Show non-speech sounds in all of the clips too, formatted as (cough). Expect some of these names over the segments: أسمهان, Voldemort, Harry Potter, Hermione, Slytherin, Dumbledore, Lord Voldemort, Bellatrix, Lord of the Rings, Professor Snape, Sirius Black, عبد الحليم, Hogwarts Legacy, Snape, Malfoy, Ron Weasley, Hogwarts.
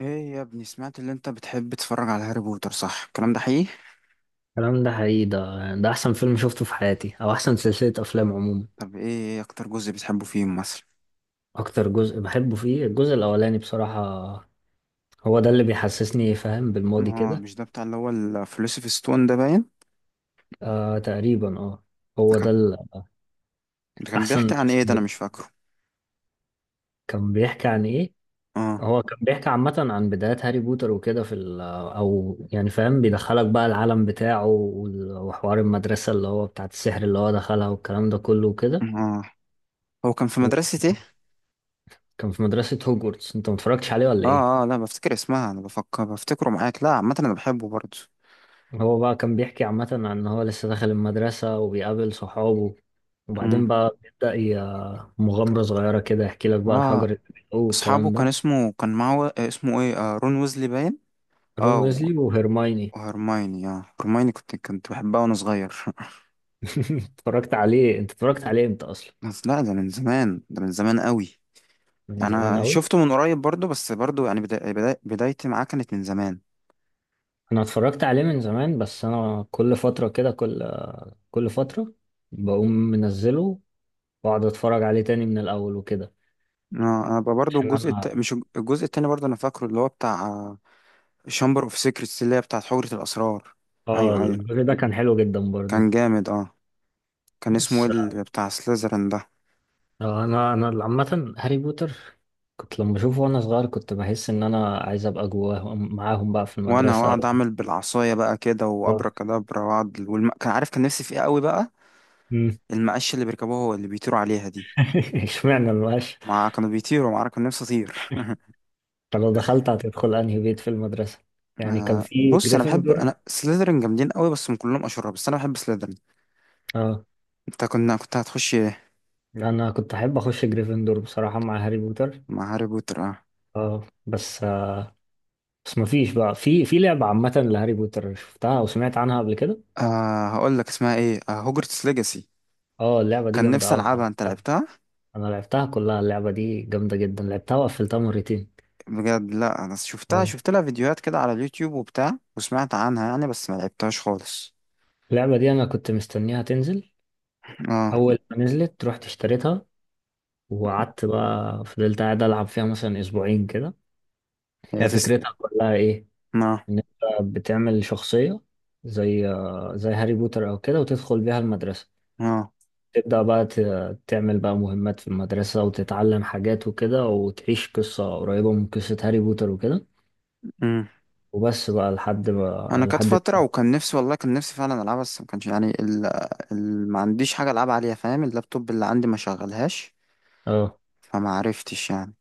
ايه يا ابني، سمعت اللي انت بتحب تتفرج على هاري بوتر، صح؟ الكلام ده حقيقي؟ الكلام ده حقيقي. ده احسن فيلم شفته في حياتي، او احسن سلسلة افلام عموما. طب ايه اكتر جزء بتحبه فيهم مثلا؟ اكتر جزء بحبه فيه الجزء الاولاني بصراحة. هو ده اللي بيحسسني فاهم بالماضي اه، كده. مش ده بتاع اللي هو الفيلوسوف ستون ده، باين. آه، تقريبا، اه. ده هو ده كان، ده كان بيحكي الاحسن. عن ايه؟ ده انا مش فاكره. كان بيحكي عن ايه؟ اه، هو كان بيحكي عامة عن بدايات هاري بوتر وكده، في ال او يعني فاهم، بيدخلك بقى العالم بتاعه، وحوار المدرسة اللي هو بتاعت السحر اللي هو دخلها، والكلام ده كله وكده. اه. هو كان في مدرسة ايه؟ وكان في مدرسة هوجورتس. انت متفرجتش عليه ولا ايه؟ اه، اه، لا، بفتكر اسمها، انا بفكر بفتكره معاك. لا، عامة انا بحبه برضه. هو بقى كان بيحكي عامة عن إن هو لسه داخل المدرسة وبيقابل صحابه، وبعدين امم. بقى بيبدأ مغامرة صغيرة كده، يحكي لك بقى الحجر اه، اللي بيلقوه اصحابه والكلام كان ده. اسمه كان معه آه، اسمه ايه، رون ويزلي باين. رون اه، ويزلي وهيرمايني. وهرمايني. اه هرمايني، كنت بحبها وانا صغير (laughs) (laughs) اتفرجت عليه أنت، اتفرجت عليه أنت أصلا. بس لا، ده من زمان، ده من زمان قوي. من زمان انا أوي. شفته من قريب برضو، بس برضو يعني بدايتي معاه كانت من زمان. أنا اتفرجت عليه من زمان، بس أنا كل فترة كده، كل فترة بقوم منزله وأقعد أتفرج عليه تاني من الأول وكده، انا بقى برضو عشان أنا. مش الجزء التاني برضو، انا فاكره اللي هو بتاع شامبر اوف سيكريتس، اللي هي بتاعت حجرة الاسرار. آه، ايوه، ايوه. الجزء ده كان حلو جدا برضه. كان جامد، اه. كان اسمه بس ايه اللي بتاع سليزرين ده؟ آه، انا عامه هاري بوتر كنت لما بشوفه وانا صغير كنت بحس ان انا عايز ابقى جواهم معاهم بقى في وانا المدرسه واقعد و. اعمل بالعصايه بقى كده آه، وابركادابرا واقعد والم... كان عارف كان نفسي في ايه قوي بقى. مم. المقاش اللي بيركبوه هو اللي بيطيروا عليها دي. (laughs) اشمعنى المقاش؟ مع كانوا بيطيروا مع كان نفسي اطير. طب لو دخلت هتدخل انهي بيت في المدرسه؟ (laughs) يعني كان آه، في بص، انا بحب، جريفندور. انا سليزرين جامدين قوي، بس هم كلهم اشرار، بس انا بحب سليزرين. اه، انت كنت هتخش ايه؟ انا كنت احب اخش جريفندور بصراحه مع هاري بوتر. مع هاري بوتر، اه. اه، بس آه، بس مفيش بقى في لعبه عامه لهاري بوتر شفتها او سمعت عنها قبل كده؟ آه، هقول لك اسمها ايه، آه، هوجرتس ليجاسي. اه، اللعبه دي كان جامده نفسي قوي، انا العبها، انت لعبتها. لعبتها؟ انا لعبتها كلها، اللعبه دي جامده جدا، لعبتها وقفلتها مرتين. بجد؟ لا، انا آه، شفت لها فيديوهات كده على اليوتيوب وبتاع وسمعت عنها يعني، بس ما لعبتهاش خالص. اللعبة دي أنا كنت مستنيها تنزل. اه، أول ما نزلت رحت اشتريتها، وقعدت بقى فضلت قاعد ألعب فيها مثلا أسبوعين كده. هي هي تست، فكرتها كلها إيه؟ اه، إن أنت بتعمل شخصية زي زي هاري بوتر أو كده، وتدخل بيها المدرسة، اه. تبدأ بقى تعمل بقى مهمات في المدرسة، وتتعلم حاجات وكده، وتعيش قصة قريبة من قصة هاري بوتر وكده. امم. وبس بقى لحد انا بقى كانت لحد. فتره وكان نفسي، والله كان نفسي فعلا العبها، بس ما كانش يعني ما عنديش حاجه العب عليها، فاهم؟ اللابتوب اللي عندي ما شغلهاش، اه، فما عرفتش يعني.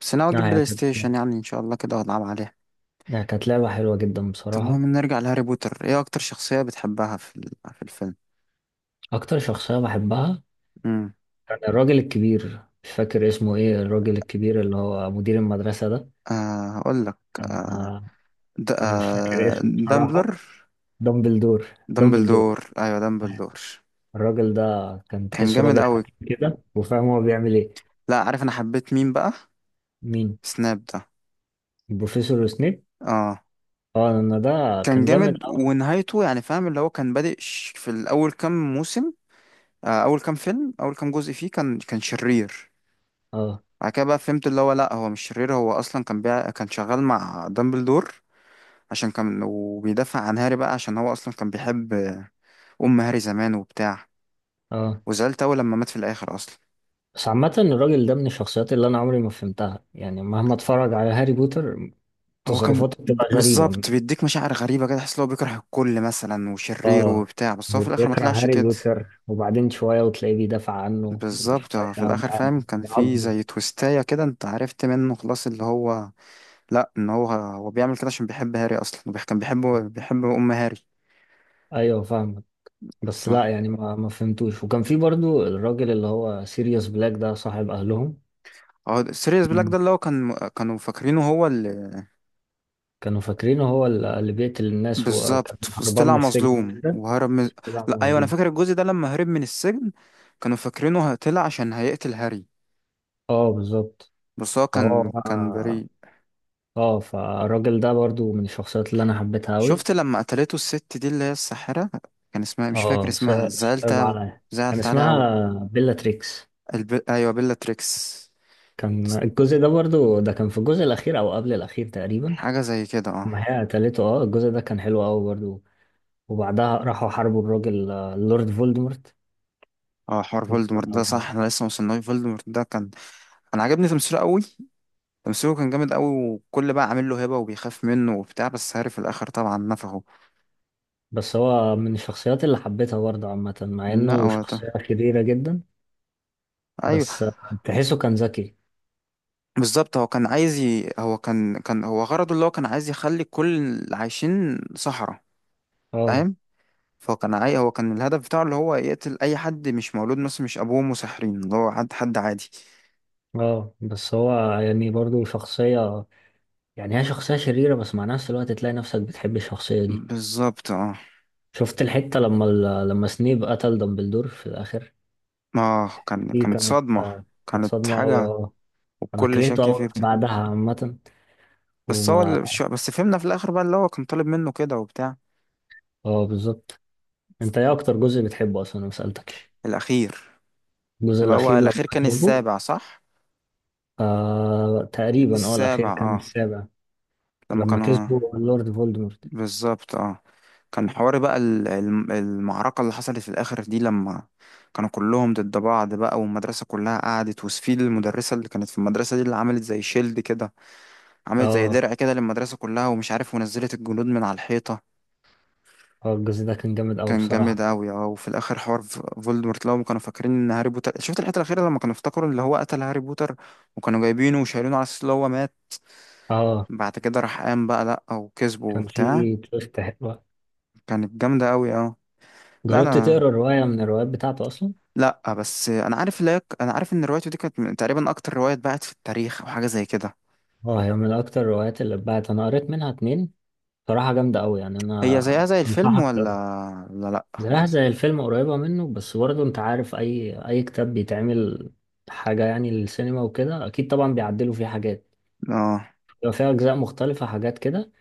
بس انا لا اجيب هي بلاي كانت، ستيشن يعني ان شاء الله كده والعب عليها. هي كانت لعبة حلوة جدا طب بصراحة. المهم، نرجع لهاري بوتر. ايه اكتر شخصية بتحبها في الفيلم؟ أكتر شخصية بحبها امم. كان الراجل الكبير، مش فاكر اسمه ايه، الراجل الكبير اللي هو مدير المدرسة ده. آه، هقول لك. كان آه آه، د... انا مش فاكر آه اسمه بصراحة. دامبلر. دامبلدور. دامبلدور، دامبلدور. ايوه، دامبلدور. الراجل ده كان كان تحسه جامد راجل قوي. حكيم كده وفاهم هو بيعمل ايه. لا، عارف انا حبيت مين بقى؟ مين؟ سناب ده. البروفيسور سنيب. اه، اه، انا ده كان كان جامد جامد اوي. ونهايته يعني، فاهم؟ اللي هو كان بادئ في الاول كام موسم، آه، اول كام جزء فيه، كان شرير. اه، بعد كده بقى فهمت اللي هو لا، هو مش شرير، هو اصلا كان شغال مع دامبلدور، عشان كان وبيدافع عن هاري بقى، عشان هو اصلا كان بيحب ام هاري زمان وبتاع. اه، وزعلت اوي لما مات في الاخر اصلا. بس عامة الراجل ده من الشخصيات اللي انا عمري ما فهمتها يعني، مهما اتفرج على هاري بوتر، هو كان تصرفاته بتبقى غريبة. بالظبط بيديك مشاعر غريبة كده، تحس ان هو بيكره الكل مثلا وشرير اه، وبتاع، بس هو هو في الآخر ما بيكره طلعش هاري كده. بوتر وبعدين شوية وتلاقيه بيدافع عنه، بالظبط، هو في وشوية الآخر، فاهم؟ كان في بيعاقبه. زي تويستاية كده، انت عرفت منه خلاص اللي هو لا، ان هو بيعمل كده عشان بيحب هاري اصلا، كان بيحبه، بيحب ام هاري. ايوه، فاهمك. بس لا، ف- يعني ما فهمتوش، وكان في برضو الراجل اللي هو سيريوس بلاك ده صاحب اهلهم. هو سيريوس بلاك ده مم. اللي هو كانوا فاكرينه هو. كانوا فاكرينه هو اللي بيقتل الناس، وكان بالظبط، بس هربان طلع من السجن مظلوم وكده. وهرب من... بس طلع لا، ايوه، انا مظلوم. فاكر الجزء ده لما هرب من السجن. كانوا فاكرينه طلع عشان هيقتل هاري، اه، بالظبط. بس هو فهو كان بقى، بريء. اه، فالراجل ده برضو من الشخصيات اللي انا حبيتها اوي. شفت لما قتلته الست دي اللي هي الساحرة؟ كان اسمها، مش فاكر اه، اسمها، صعب عليا. كان زعلت عليها اسمها قوي. بيلا تريكس. ايوه، بيلا تريكس. كان الجزء ده برضو، ده كان في الجزء الأخير أو قبل الأخير تقريبا. حاجة زي كده، اه. ما هي قتلته، اه الجزء ده كان حلو أوي برضو. وبعدها راحوا حاربوا الراجل، آه، اللورد فولدمورت. اه، حوار و- فولدمورت ده، صح، آه، انا لسه موصلناش. فولدمورت ده كان، انا عجبني تمثيله قوي. تمثيله كان جامد قوي، وكل بقى عامل له هبة وبيخاف منه وبتاع، بس هاري في الاخر طبعا نفخه. بس هو من الشخصيات اللي حبيتها برضو عامة، مع لا إنه هو ده. شخصية شريرة جدا. ايوه. بس آه، تحسه كان ذكي. بالظبط، هو كان عايز ي... هو كان هو غرضه اللي هو كان عايز يخلي كل اللي عايشين صحراء، اه، فاهم؟ فهو كان عاي... هو كان الهدف بتاعه اللي هو يقتل اي حد مش مولود مثلا، مش ابوه مسحرين، اللي هو حد عادي. اه، بس هو يعني برضو شخصية، يعني هي شخصية شريرة بس مع نفس الوقت تلاقي نفسك بتحب الشخصية دي. بالظبط، اه. شفت الحتة لما لما سنيب قتل دامبلدور في الآخر، اه، دي كانت كانت صدمة. آه، كانت كانت صدمة أوي، حاجة. اه. أنا والكل كرهته شك أوي فيه بتاع بعدها عامة. بس هو وما. اللي... بس فهمنا في الاخر بقى اللي هو كان طالب منه كده وبتاع. اه، بالظبط. أنت إيه أكتر جزء بتحبه أصلا، أنا مسألتكش؟ الاخير. الجزء اللي هو الأخير لما الاخير كان كسبه. السابع، صح؟ آه، تقريبا، اه، الأخير السابع، كان اه. السابع. لما لما كانوا... كسبه اللورد فولدمورت. بالظبط، اه. كان حوار بقى المعركة اللي حصلت في الآخر دي، لما كانوا كلهم ضد بعض بقى، والمدرسة كلها قعدت، وسفيد المدرسة اللي كانت في المدرسة دي اللي عملت زي شيلد كده، عملت زي اه. درع كده للمدرسة كلها ومش عارف، ونزلت الجنود من على الحيطة. اه، الجزء ده كان جامد أوي كان جامد بصراحة. أوي، اه. وفي الآخر حوار فولدمورت، لو كانوا فاكرين إن هاري بوتر... شفت الحتة الأخيرة لما كانوا افتكروا اللي هو قتل هاري بوتر، وكانوا جايبينه وشايلينه على أساس اللي هو مات. اه، بعد كده راح قام بقى، لأ، وكسبه كان وبتاع. فيه تويست حلوة. كانت جامدة أوي، اه. لا، جربت أنا... تقرا رواية من الروايات بتاعته أصلا؟ لا، بس انا عارف ان روايته دي كانت تقريبا اكتر روايه اتباعت في التاريخ، او حاجه زي كده. اه، هي من أكتر الروايات اللي اتباعت، أنا قريت منها اتنين، صراحة جامدة أوي يعني، هي أنا زيها زي الفيلم أنصحك. ولا لا؟ لا. زيها زي الفيلم قريبة منه، بس برضه انت عارف اي كتاب بيتعمل حاجة يعني للسينما وكده اكيد طبعا بيعدلوا فيه حاجات، اه. بيبقى فيها اجزاء مختلفة، حاجات كده،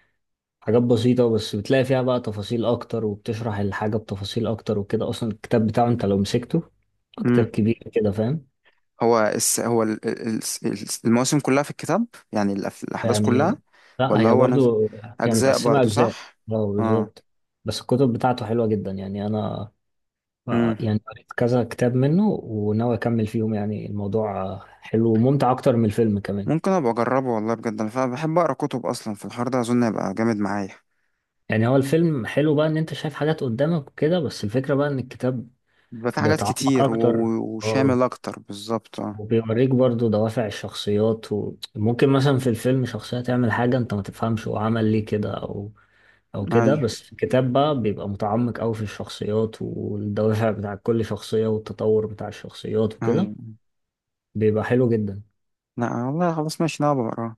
حاجات بسيطة، بس بتلاقي فيها بقى تفاصيل اكتر، وبتشرح الحاجة بتفاصيل اكتر وكده. اصلا الكتاب بتاعه انت لو مسكته كتاب امم. كبير كده، فاهم. هو الس... هو ال... ال- ال- المواسم كلها في الكتاب يعني، الاحداث كلها، يعني، لا ولا هي هو برضه، هي اجزاء متقسمة برضو؟ اجزاء. صح. اه، اه. بالظبط. بس الكتب بتاعته حلوة جدا يعني، انا آه، امم. يعني قريت كذا كتاب منه وناوي اكمل فيهم، يعني الموضوع آه، حلو وممتع اكتر من الفيلم كمان. ممكن ابقى اجربه، والله بجد، انا فعلا بحب اقرا كتب، اصلا في الحوار ده اظن هيبقى جامد معايا. يعني هو الفيلم حلو بقى ان انت شايف حاجات قدامك وكده، بس الفكرة بقى ان الكتاب بيبقى في حاجات بيتعمق كتير اكتر. اه، وشامل اكتر، بالظبط، اه. وبيوريك برضو دوافع الشخصيات، وممكن مثلا في الفيلم شخصية تعمل حاجة انت ما تفهمش هو عمل ليه كده، او او كده، ايوه، بس في الكتاب بقى بيبقى متعمق قوي في الشخصيات والدوافع بتاع كل شخصية والتطور بتاع الشخصيات وكده، ايوه. بيبقى حلو جدا. لا والله، خلاص، ماشي، انا هبقى اقراه.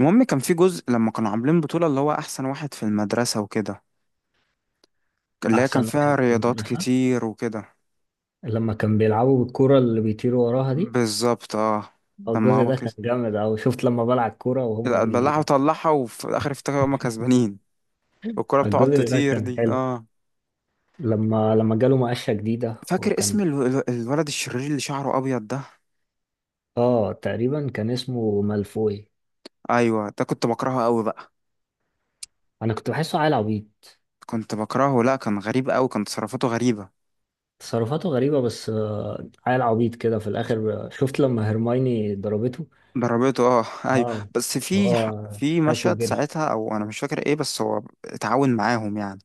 المهم، كان في جزء لما كانوا عاملين بطولة اللي هو أحسن واحد في المدرسة وكده، اللي هي كان احسن فيها واحد في رياضات المدرسة. كتير وكده. لما كان بيلعبوا بالكرة اللي بيطيروا وراها دي. بالظبط، اه. لما الجزء هو ده كده كان جامد أوي. شفت لما بلع الكرة وهما بلعها وطلعها، وفي الآخر افتكروا هما (laughs) كسبانين، والكرة بتقعد الجزء ده تطير كان دي، حلو. اه. لما جاله مقشة جديدة، فاكر اسم وكان. الولد الشرير اللي شعره أبيض ده؟ اه، تقريبا كان اسمه مالفوي. أيوة، ده كنت بكرهه أوي بقى. أنا كنت بحسه عيل عبيط. كنت بكرهه، لأ، كان غريب أوي، كان تصرفاته غريبة. تصرفاته غريبة، بس آه، عيل عبيط كده في الآخر. آه، شفت لما هرمايني ضربته. ضربته، اه (laughs) أيوة، اه، بس في هو في شافه مشهد وجري. ساعتها، أو أنا مش فاكر إيه، بس هو اتعاون معاهم يعني.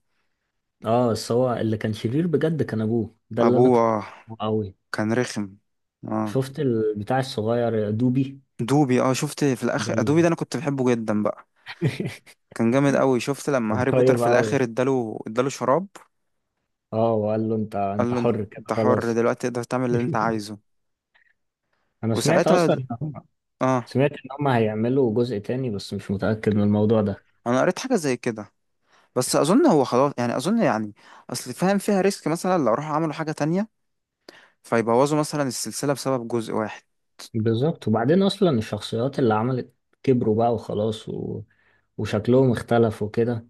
اه، بس هو اللي كان شرير بجد كان أبوه ده، اللي أنا أبوه، كنت آه. بكرهه أوي. كان رخم. اه. شفت البتاع الصغير دوبي. دوبي، اه، شفت في الاخر؟ ده، دوبي ده انا كنت بحبه جدا بقى. (laughs) كان جامد قوي. شفت لما كان هاري بوتر طيب في قوي. الاخر اداله شراب؟ اه، وقال له انت قال انت له، حر كده انت حر خلاص. دلوقتي، تقدر تعمل اللي انت (laughs) عايزه. انا سمعت وساعتها اصلا ان هم اه. سمعت ان هم هيعملوا جزء تاني، بس مش متأكد من الموضوع ده. انا قريت حاجه زي كده، بس اظن هو خلاص يعني، اظن يعني اصل فاهم، فيها ريسك مثلا لو راحوا عملوا حاجه تانية فيبوظوا مثلا السلسله بسبب جزء واحد. بالظبط، وبعدين اصلا الشخصيات اللي عملت كبروا بقى وخلاص و، وشكلهم اختلف وكده،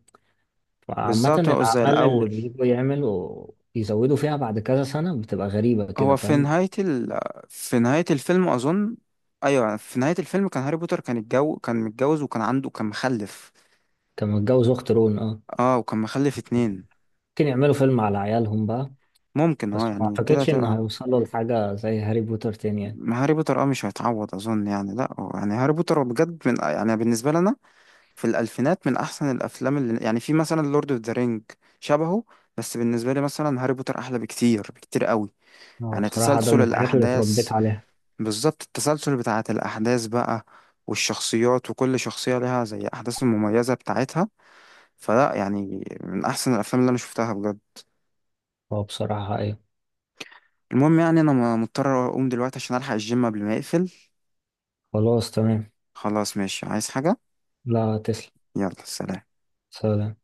فعامة بالظبط، بقوا زي الاعمال اللي الاول. بيجوا يعملوا يزودوا فيها بعد كذا سنة بتبقى غريبة كده، هو في فاهم. نهاية ال... في نهاية الفيلم أظن، أيوة، في نهاية الفيلم كان هاري بوتر، كان الجو كان متجوز، وكان عنده، كان مخلف. كان متجوز اخت رون، اه. اه، وكان مخلف اتنين. ممكن يعملوا فيلم على عيالهم بقى. ممكن، بس اه، ما يعني كده اعتقدش ان تبقى... هيوصلوا لحاجة زي هاري بوتر تاني يعني. ما هاري بوتر، اه، مش هيتعوض أظن يعني، لأ هو يعني، هاري بوتر هو بجد من، يعني بالنسبة لنا في الألفينات، من أحسن الأفلام، اللي يعني في، مثلا لورد اوف ذا رينج شبهه، بس بالنسبة لي مثلا هاري بوتر أحلى بكتير، بكتير قوي. هو يعني بصراحة ده تسلسل من الحاجات اللي اتربيت الأحداث، عليها. بالظبط، التسلسل بتاعة الأحداث بقى، والشخصيات، وكل شخصية لها زي أحداث المميزة بتاعتها. فلا يعني، من أحسن الأفلام اللي أنا شفتها بجد. هو بصراحة أيوة. المهم، يعني أنا مضطر أقوم دلوقتي عشان ألحق الجيم قبل ما يقفل. خلاص، تمام. خلاص ماشي، عايز حاجة؟ لا، تسلم. يلا سلام. سلام.